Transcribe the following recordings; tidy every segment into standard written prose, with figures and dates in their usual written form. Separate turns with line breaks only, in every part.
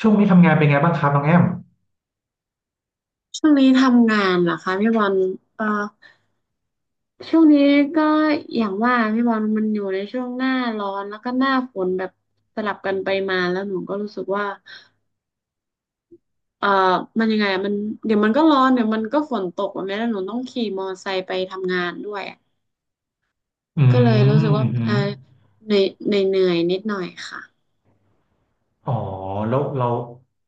ช่วงนี้ทำงานเป็นไงบ้างครับน้องแอม
ช่วงนี้ทำงานเหรอคะพี่บอลเอ่อช่วงนี้ก็อย่างว่าพี่บอลมันอยู่ในช่วงหน้าร้อนแล้วก็หน้าฝนแบบสลับกันไปมาแล้วหนูก็รู้สึกว่าเอ่อมันยังไงอะมันเดี๋ยวมันก็ร้อนเดี๋ยวมันก็ฝนตกแบบนี้แล้วหนูต้องขี่มอเตอร์ไซค์ไปทำงานด้วยอะ
อืม
ก็เลยรู้สึก
อื
ว่า
มอม
เหนื่อยๆนิดหน่อยค่ะ
อ๋อแล้วเรา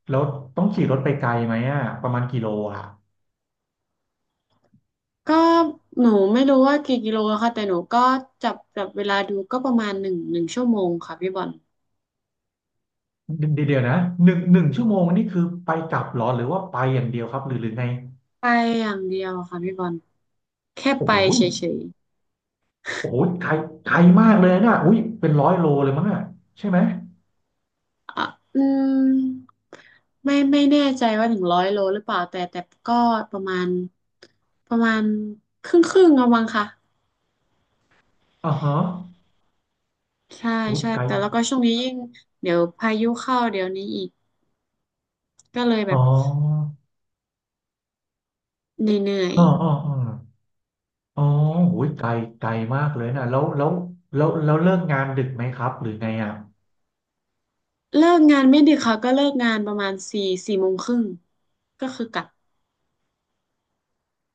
แล้วต้องขี่รถไปไกลไหมอ่ะประมาณกี่โลอ่ะ
ก็หนูไม่รู้ว่ากี่กิโลอะค่ะแต่หนูก็จับเวลาดูก็ประมาณหนึ่งชั่วโมงค่ะพี่บอล
เดี๋ยวนะหนึ่งชั่วโมงนี่คือไปกลับเหรอหรือว่าไปอย่างเดียวครับหรือไง
ไปอย่างเดียวค่ะพี่บอล แค่
โอ้
ไป
ย
เฉย
โอ้ยไกลไกลมากเลยนะอุ้ยเป็น100 โลเลยมั้งอ่ะใช่ไหม
ๆอ่ะอืมไม่แน่ใจว่าถึงร้อยโลหรือเปล่าแต่ก็ประมาณประมาณครึ่งเอามั้งค่ะ
อ่าฮะ
ใช่
โอ้ย
ใช่
ไกล
แต่แล้วก็ช่วงนี้ยิ่งเดี๋ยวพายุเข้าเดี๋ยวนี้อีกก็เลยแบ
อ๋อ
บเหนื่อย
อ๋ออ๋ออ๋ออ๋อโอ้ยไกลไกลมากเลยนะแล้วเลิกงานดึกไหมครับ หรือไงอ่ะ
ๆเลิกงานไม่ดึกค่ะก็เลิกงานประมาณสี่โมงครึ่งก็คือกลับ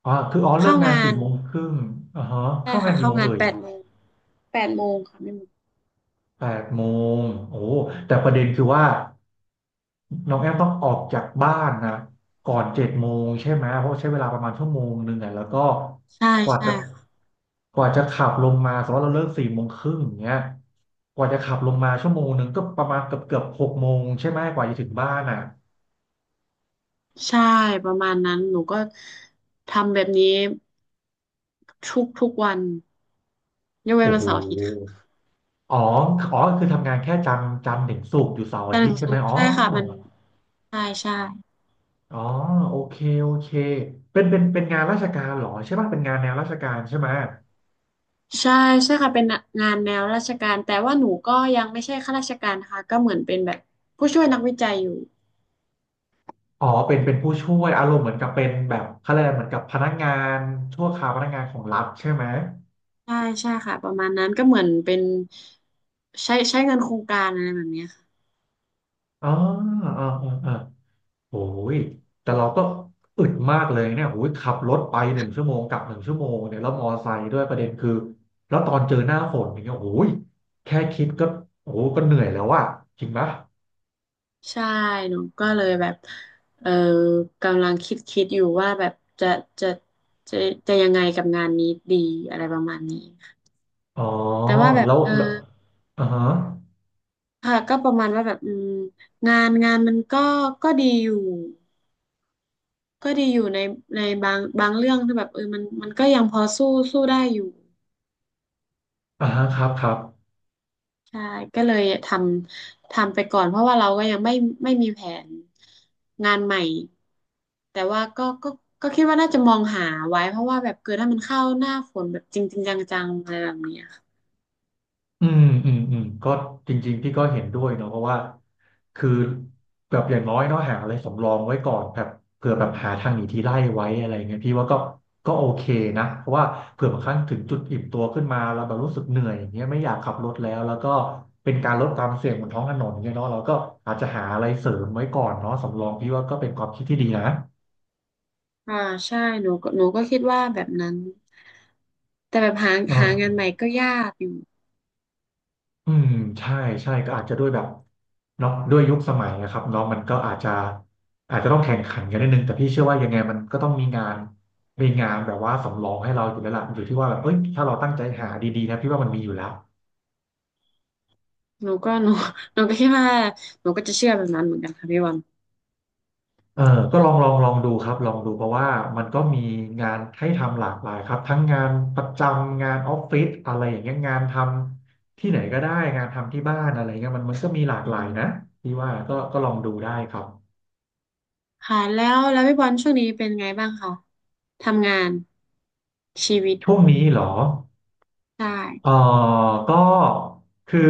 อ๋อคืออ๋อเลิ
เข้า
กงาน
งา
สี่
น
โมงครึ่งอ่าฮะ
ได้
เข้างาน
ค่ะ
กี่
เข้า
โมง
งาน
เอ่ย
แปดโมงแปดโมงค่ะไม่หมด
8:00โอ้แต่ประเด็นคือว่าน้องแอมต้องออกจากบ้านนะก่อน7:00ใช่ไหม เพราะใช้เวลาประมาณชั่วโมงหนึ่งอ่ะแล้วก็
ใช่
กว่า
ใช่
จะ
ค่ะ
กว่าจะขับลงมา สมมติว่าเราเลิกสี่โมงครึ่งอย่างเงี้ยกว่าจะขับลงมาชั่วโมงหนึ่งก็ประมาณเกือบ18:00ใช่ไหมกว่าจะถึงบ้านอ่ะ
ใช่ประมาณนั้นหนูก็ทำแบบนี้ ทุกวันยกเว้น
โอ้
วัน
โห
เสาร์อาทิตย์ค่ะ
อ๋ออ๋อคือทำงานแค่จันทร์ถึงศุกร์อยู่เสาร์อา
จันท
ทิ
ร์
ต
ถึ
ย์
ง
ใช่
ศุ
ไหม
กร์
อ๋อ
ใช่ค่ะมันใช่ใช่
อ๋อโอเคโอเคเป็นงานราชการเหรอใช่ป่ะเป็นงานแนวราชการใช่ไหม
ใช่ใช่ค่ะเป็นงานแนวราชการแต่ว่าหนูก็ยังไม่ใช่ข้าราชการนะคะก็เหมือนเป็นแบบผู้ช่วยนักวิจัยอยู่
อ๋อเป็นผู้ช่วยอารมณ์เหมือนกับเป็นแบบเขาเรียกอะไรเหมือนกับพนักงานชั่วคราวพนักงานของรัฐใช่ไหม
ใช่ใช่ค่ะประมาณนั้นก็เหมือนเป็นใช้เงินโครงการอะไรแบบเนี้ยค่ะ
อ๋ออ๋ออ๋ออ๋อโอ้ยแต่เราก็อึดมากเลยเนี่ยโอ้ยขับรถไปหนึ่งชั่วโมงกลับหนึ่งชั่วโมงเนี่ยแล้วมอไซค์ด้วยประเด็นคือแล้วตอนเจอหน้าฝนอย่างเงี้ยโอ้ยแค่คิดก็โอ้โหก็เหนื่อยแล้วอะจริงปะ
ใช่หนูก็เลยแบบเออกำลังคิดอยู่ว่าแบบจะจะจะจะยังไงกับงานนี้ดีอะไรประมาณนี้ค่ะ
อ๋อ
แต่ว่าแบบ
แล้วแล้วอ่าฮะ
ค่ะก็ประมาณว่าแบบงานมันก็ก็ดีอยู่ก็ดีอยู่ในในบางเรื่องที่แบบมันก็ยังพอสู้ได้อยู่
อ่าฮะครับครับ
ใช่ก็เลยทำไปก่อนเพราะว่าเราก็ยังไม่มีแผนงานใหม่แต่ว่าก็ก็คิดว่าน่าจะมองหาไว้เพราะว่าแบบเกิดถ้ามันเข้าหน้าฝนแบบจริงจริงจังๆอะไรแบบเนี้ยค่ะ
ก็จริงๆพี่ก็เห็นด้วยเนาะเพราะว่าคือแบบอย่างน้อยเนาะหาอะไรสำรองไว้ก่อนแบบเผื่อแบบหาทางหนีทีไล่ไว้อะไรเงี้ยพี่ว่าก็โอเคนะเพราะว่าเผื่อบางครั้งถึงจุดอิ่มตัวขึ้นมาแล้วแบบรู้สึกเหนื่อยอย่างเงี้ยไม่อยากขับรถแล้วก็เป็นการลดความเสี่ยงบนท้องถนนเนี่ยเนาะเราก็อาจจะหาอะไรเสริมไว้ก่อนเนาะสำรองพี่ว่าก็เป็นความคิดที่ดีนะ
อ่าใช่หนูก็คิดว่าแบบนั้นแต่แบบหา
อ่
หางานใหม่
า
ก็ยากอยู่
อืมใช่ใช่ก็อาจจะด้วยแบบเนาะด้วยยุคสมัยนะครับเนาะมันก็อาจจะต้องแข่งขันกันนิดนึงแต่พี่เชื่อว่ายังไงมันก็ต้องมีงานแบบว่าสำรองให้เราอยู่แล้วล่ะอยู่ที่ว่าแบบเอ้ยถ้าเราตั้งใจหาดีๆนะพี่ว่ามันมีอยู่แล้ว
หนูก็หนู หนูก็คิดว่าหนูก็จะเชื่อแบบนั้นเหมือนกันค่ะพี่บอล
เออก็ลองดูครับลองดูเพราะว่ามันก็มีงานให้ทำหลากหลายครับทั้งงานประจำงานออฟฟิศอะไรอย่างเงี้ยงานทำที่ไหนก็ได้งานทำที่บ้านอะไรเงี้ยมันก็มีหลาก
อื
หลายนะ
ม
พี่ว่าก็ลองดูได้ครับ
ค่ะแล้วพี่บอลช่วงนี้เป็นไงบ้างคะทำงานชีวิต
ช่วงนี้เหรอ
ได้
เออก็คือ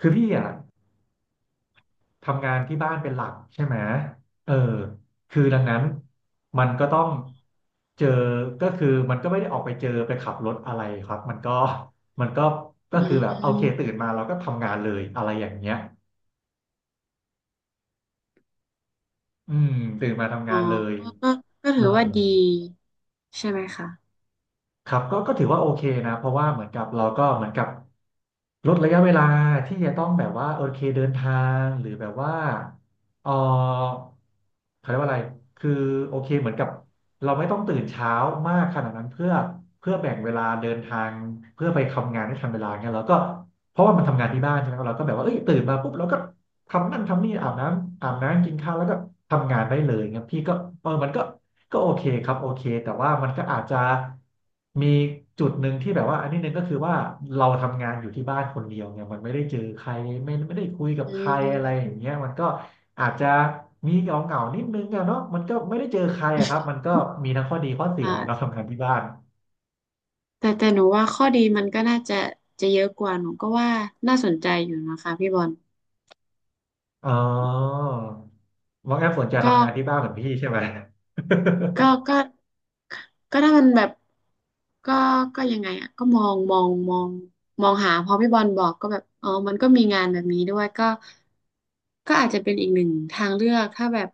คือพี่อ่ะทำงานที่บ้านเป็นหลักใช่ไหมเออคือดังนั้นมันก็ต้องเจอก็คือมันก็ไม่ได้ออกไปเจอไปขับรถอะไรครับมันก็ก็
อื
คือแบบโอเคตื่
ม
นมาเราก็ทำงานเลยอะไรอย่างเงี้ยอืมตื่นมาทำ
อ๋อ
งานเลย
ก็ก็
เออ
ถือว่าดีใช่ไหมคะ
ครับก็ถือว่าโอเคนะเพราะว่าเหมือนกับเราก็เหมือนกับ ลดระยะเวลาที่จะต้องแบบว่าโอเคเดินทางหรือแบบว่าเออเขาเรียกว่าอะไรคือโอเคเหมือนกับเราไม่ต้องตื่นเช้ามากขนาดนั้นเพื่อแบ่งเวลาเดินทางเพื่อไปทำงานให้ทันเวลาเงี้ยแล้วก็เพราะว่ามันทำงานที่บ้านใช่ไหมเราก็แบบว่าเอ้ยตื่นมาปุ๊บเราก็ ทำนั่นทำนี่อาบน้ำกินข้าวแล้วก็ทำงานได้เลยเงี้ยพี่ก็เออมันก็โอเคครับโอเคแต่ว่ามันก็อาจจะมีจุดหนึ่งที่แบบว่าอันนี้หนึ่งก็คือว่าเราทำงานอยู่ที่บ้านคนเดียวเนี่ยมันไม่ได้เจอใครไม่ได้คุยกับ
อื
ใครอะไรอย่าง
ม
เงี้ยมันก็อาจจะมีเหงาเหงานิดนึงอะเนาะมันก็ไม่ได้เจอใครอะครับมันก็มีทั้งข้อดีข้อเสี
อ่า
ย เนาะทำงานที่บ้าน
แต่หนูว่าข้อดีมันก็น่าจะเยอะกว่าหนูก็ว่าน่าสนใจอยู่นะคะพี่บอล
อ๋อว่างั้นสนใจ
ก็
ทำงานที่บ้านเหมือนพี่ใช่ไหม
ก็ก็ก็ถ้ามันแบบก็ก็ยังไงอ่ะก็มองหาพอพี่บอลบอกก็แบบอ๋อมันก็มีงานแบบนี้ด้วยก็อาจจะเป็นอีกหนึ่งทางเลือกถ้าแบบ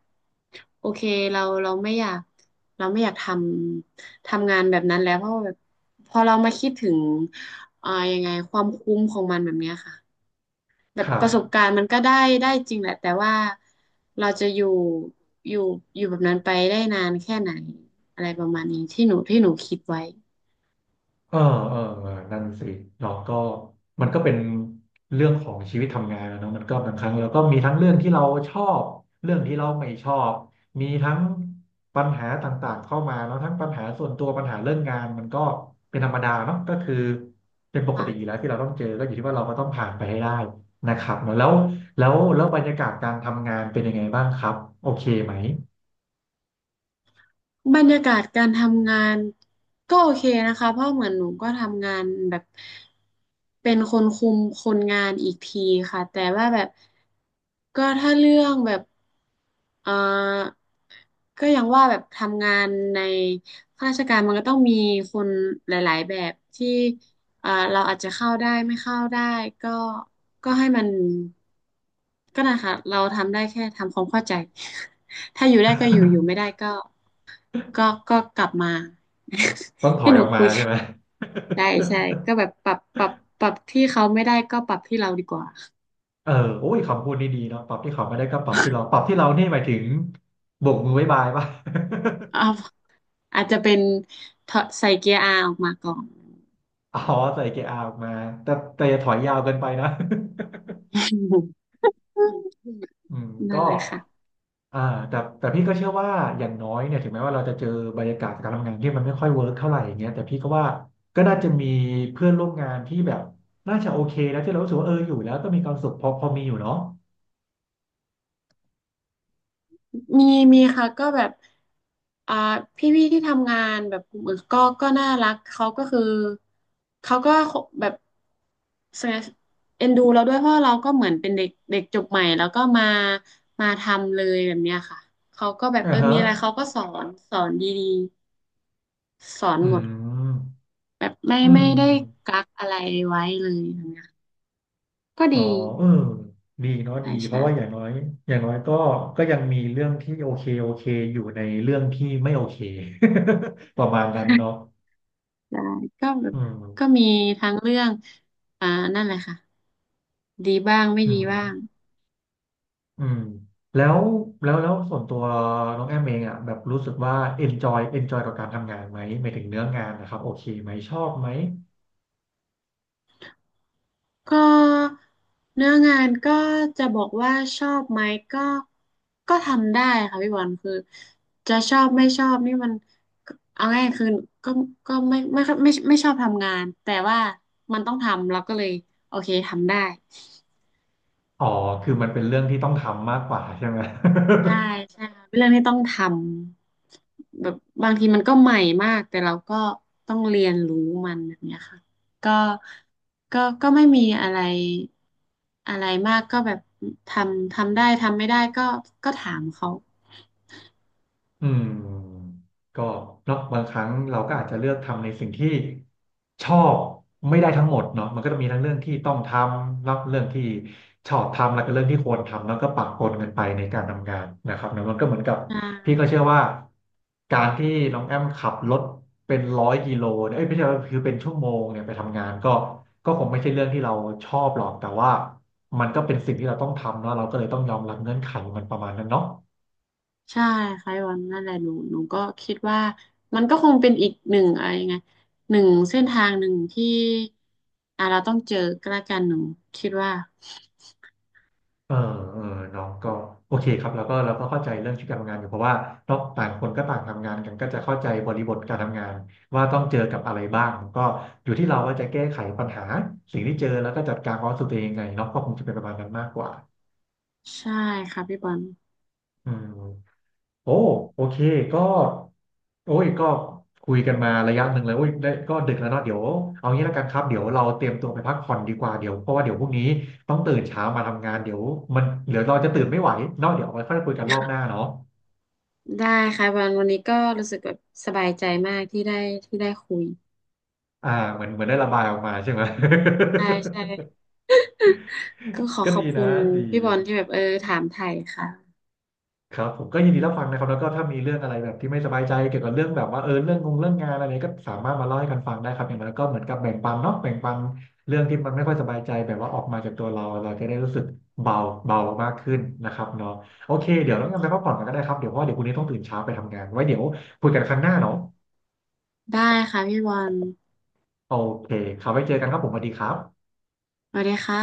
โอเคเราเราไม่อยากเราไม่อยากทำงานแบบนั้นแล้วเพราะว่าแบบพอเรามาคิดถึงยังไงความคุ้มของมันแบบเนี้ยค่ะ แบ
ค
บ
รั
ป
บ
ระสบการณ์มันก็ได้จริงแหละแต่ว่าเราจะอยู่อยู่แบบนั้นไปได้นานแค่ไหนอะไรประมาณนี้ที่หนูคิดไว้
เออเออนั่นสิเราก็มันก็เป็นเรื่องของชีวิตทำงานนะเนอะมันก็บางครั้งเราก็มีทั้งเรื่องที่เราชอบเรื่องที่เราไม่ชอบมีทั้งปัญหาต่างๆเข้ามาแล้วทั้งปัญหาส่วนตัวปัญหาเรื่องงานมันก็เป็นธรรมดาเนาะก็คือเป็นปกติอยู่
ค่ะ
แล้วที่เราต้องเจอก็อยู่ที่ว่าเราก็ต้องผ่านไปให้ได้นะครับอแล้วแล้วบรรยากาศการทำงานเป็นยังไงบ้างครับโอเคไหม
บรรยากาศการทำงานก็โอเคนะคะเพราะเหมือนหนูก็ทำงานแบบเป็นคนคุมคนงานอีกทีค่ะแต่ว่าแบบก็ถ้าเรื่องแบบเอ่อก็ยังว่าแบบทำงานในข้าราชการมันก็ต้องมีคนหลายๆแบบที่เราอาจจะเข้าได้ไม่เข้าได้ก็ก็ให้มันก็นะคะเราทำได้แค่ทำความเข้าใจ ถ้าอยู่ได้ก็อยู่ไม่ได้ก็ ก็ก็กลับมา
ต้องถ อ
ที่
ย
ห
อ
นู
อกมา
คุย
ใช่ไหม
ได้ใช่ก็ แบบปรับที่เขาไม่ได้ก็ปรับที่เราดีกว่า
เออโอ้ยคำพูดนี่ดีเนาะปรับที่เขาไม่ได้ก็ปรับที่เราปรับที่เรานี่หมายถึงโบกมือบ๊ายบายป่ะ
เอาอาจจะเป็นถอดใส่เกียร์อาออกมาก่อน
อ๋อใส่เกียร์อาออกมาแต่อย่าถอยยาวเกินไปนะ อืมก็
นั่นแหละค่ะ
อ่าแต่พี่ก็เชื่อว่าอย่างน้อยเนี่ยถึงแม้ว่าเราจะเจอบรรยากาศการทำงานที่มันไม่ค่อยเวิร์กเท่าไหร่อย่างเงี้ยแต่พี่ก็ว่าก็น่าจะมีเพื่อนร่วมงานที่แบบน่าจะโอเคแล้วที่เรารู้สึกว่าเอออยู่แล้วก็มีความสุขพอพอมีอยู่เนาะ
มีมีค่ะก็แบบอ่าพี่ที่ทำงานแบบกลุ่มอื่นก็น่ารักเขาก็แบบเอ็นดูเราด้วยเพราะเราก็เหมือนเป็นเด็กเด็กจบใหม่แล้วก็มาทำเลยแบบเนี้ยค่ะเขาก็แบบ
อ่าฮะ
มีอะไรเขาก็สอนดีๆสอน
อื
หมด
ม
แบบไม่
อืม
ไม่
อื
ได้
ม
กักอะไรไว้เลยแบบเนี้ยก็
อ๋
ดี
อเออดีเนาะดี
ใช่
เพ
ใช่
ราะว่าอย่างน้อยอย่างน้อยก็ก็ยังมีเรื่องที่โอเคโอเคอยู่ในเรื่องที่ไม่โอเค ประมาณนั้นเนาะ
ได้ก็แบบ
อื
ก็
ม
มีทั้งเรื่องอ่านั่นแหละค่ะ ดีบ้างไม่
อื
ดี
ม
บ้าง
อืมแล้วแล้วส่วนตัวน้องแอมเองอ่ะแบบรู้สึกว่า enjoy กับการทำงานไหมหมายถึงเนื้องานนะครับโอเคไหมชอบไหม
ก็เนื้องานก็จะบอกว่าชอบไหมก็ก็ทำได้ค่ะพี่บอลคือจะชอบไม่ชอบนี่มันเอาง่ายคือก็ก็ไม่ชอบทำงานแต่ว่ามันต้องทำเราก็เลยโอเคทำได้
อ๋อคือมันเป็นเรื่องที่ต้องทำมากกว่าใช่ไหม
ใช่ ใช่ค่ะเป็นเรื่องที่ต้องทำแบบบางทีมันก็ใหม่มากแต่เราก็ต้องเรียนรู้มันแบบเนี้ยค่ะก็ก็ไม่มีอะไรอะไรมากก็แบบทำได้ทำไม่ได้ก็ถามเขา
อืมก็เนาะบางครั้งเราก็อาจจะเลือกทำในสิ่งที่ชอบไม่ได้ทั้งหมดเนาะมันก็จะมีทั้งเรื่องที่ต้องทำแล้วเรื่องที่ชอบทำแล้วก็เรื่องที่ควรทำแล้วก็ปะปนกันไปในการทำงานนะครับเนอะมันก็เหมือนกับพี่
อ่า
ก็เชื่อว่าการที่น้องแอมขับรถเป็นร้อยกิโลเนี่ยเอ้ยไม่ใช่ว่าคือเป็นชั่วโมงเนี่ยไปทำงานก็ก็คงไม่ใช่เรื่องที่เราชอบหรอกแต่ว่ามันก็เป็นสิ่งที่เราต้องทำเนาะเราก็เลยต้องยอมรับเงื่อนไขมันประมาณนั้นเนาะ
ใช่ค่ะพี่วันนั่นแหละหนูก็คิดว่ามันก็คงเป็นอีกหนึ่งอะไรยังไงหนึ่งเส้นทางหนึ่งที่เราต้องเจอก็แล้วกันหนูคิดว่า
เออเออเน้องก็โอเคครับแล้วก็เราก็เข้าใจเรื่องชีวิตการทำงานอยู่เพราะว่าเนาะต่างคนก็ต่างทำงานกันก็จะเข้าใจบริบทการทำงานว่าต้องเจอกับอะไรบ้างก็อยู่ที่เราว่าจะแก้ไขปัญหาสิ่งที่เจอแล้วก็จัดการความรู้สึกตัวเองยังไงเนาะก็คงจะเป็นประมาณนั้นมากกว่า
ใช่ค่ะพี่บอล
อืม โอ้โอเคก็โอ้ยก็คุยกันมาระยะหนึ่งเลยโอ้ยได้ก็ดึกแล้วเนาะเดี๋ยวเอางี้แล้วกันครับเดี๋ยวเราเตรียมตัวไปพักผ่อนดีกว่าเดี๋ยวเพราะว่าเดี๋ยวพรุ่งนี้ต้องตื่นเช้ามาทำงานเดี๋ยวมันเดี๋ยวเราจะตื่นไม่ไหวเนาะเดี๋ยวเอาไว้ค่อยคุยกันรอบหน้าเนาะ
ได้ค่ะวันนี้ก็รู้สึกแบบสบายใจมากที่ได้คุย
อ่าเหมือนได้ระบายออกมาใช่ไหม
ได้ใช่ก็ขอ
ก็
ขอ
ดี
บคุ
นะ
ณ
ดี
พี่บอลที่แบบถามไถ่ค่ะ
ครับผมก็ยินดีรับฟังนะครับแล้วก็ถ้ามีเรื่องอะไรแบบที่ไม่สบายใจเกี่ยวกับเรื่องแบบว่าเออเรื่องงงเรื่องงานอะไรเนี่ยก็สามารถมาเล่าให้กันฟังได้ครับอย่างน้อยก็เหมือนกับแบ่งปันเนาะแบ่งปันเรื่องที่มันไม่ค่อยสบายใจแบบว่าออกมาจากตัวเราเราจะได้รู้สึกเบาเบามากขึ้นนะครับเนาะโอเคเดี๋ยวเรางั้นไปพักผ่อนกันก็ได้ครับเดี๋ยวเพราะว่าเดี๋ยวพรุ่งนี้ต้องตื่นเช้าไปทำงานไว้เดี๋ยวคุยกันครั้งหน้าเนาะ
ได้ค่ะพี่บอล
โอเคครับไว้เจอกันครับผมสวัสดีครับ
สวัสดีค่ะ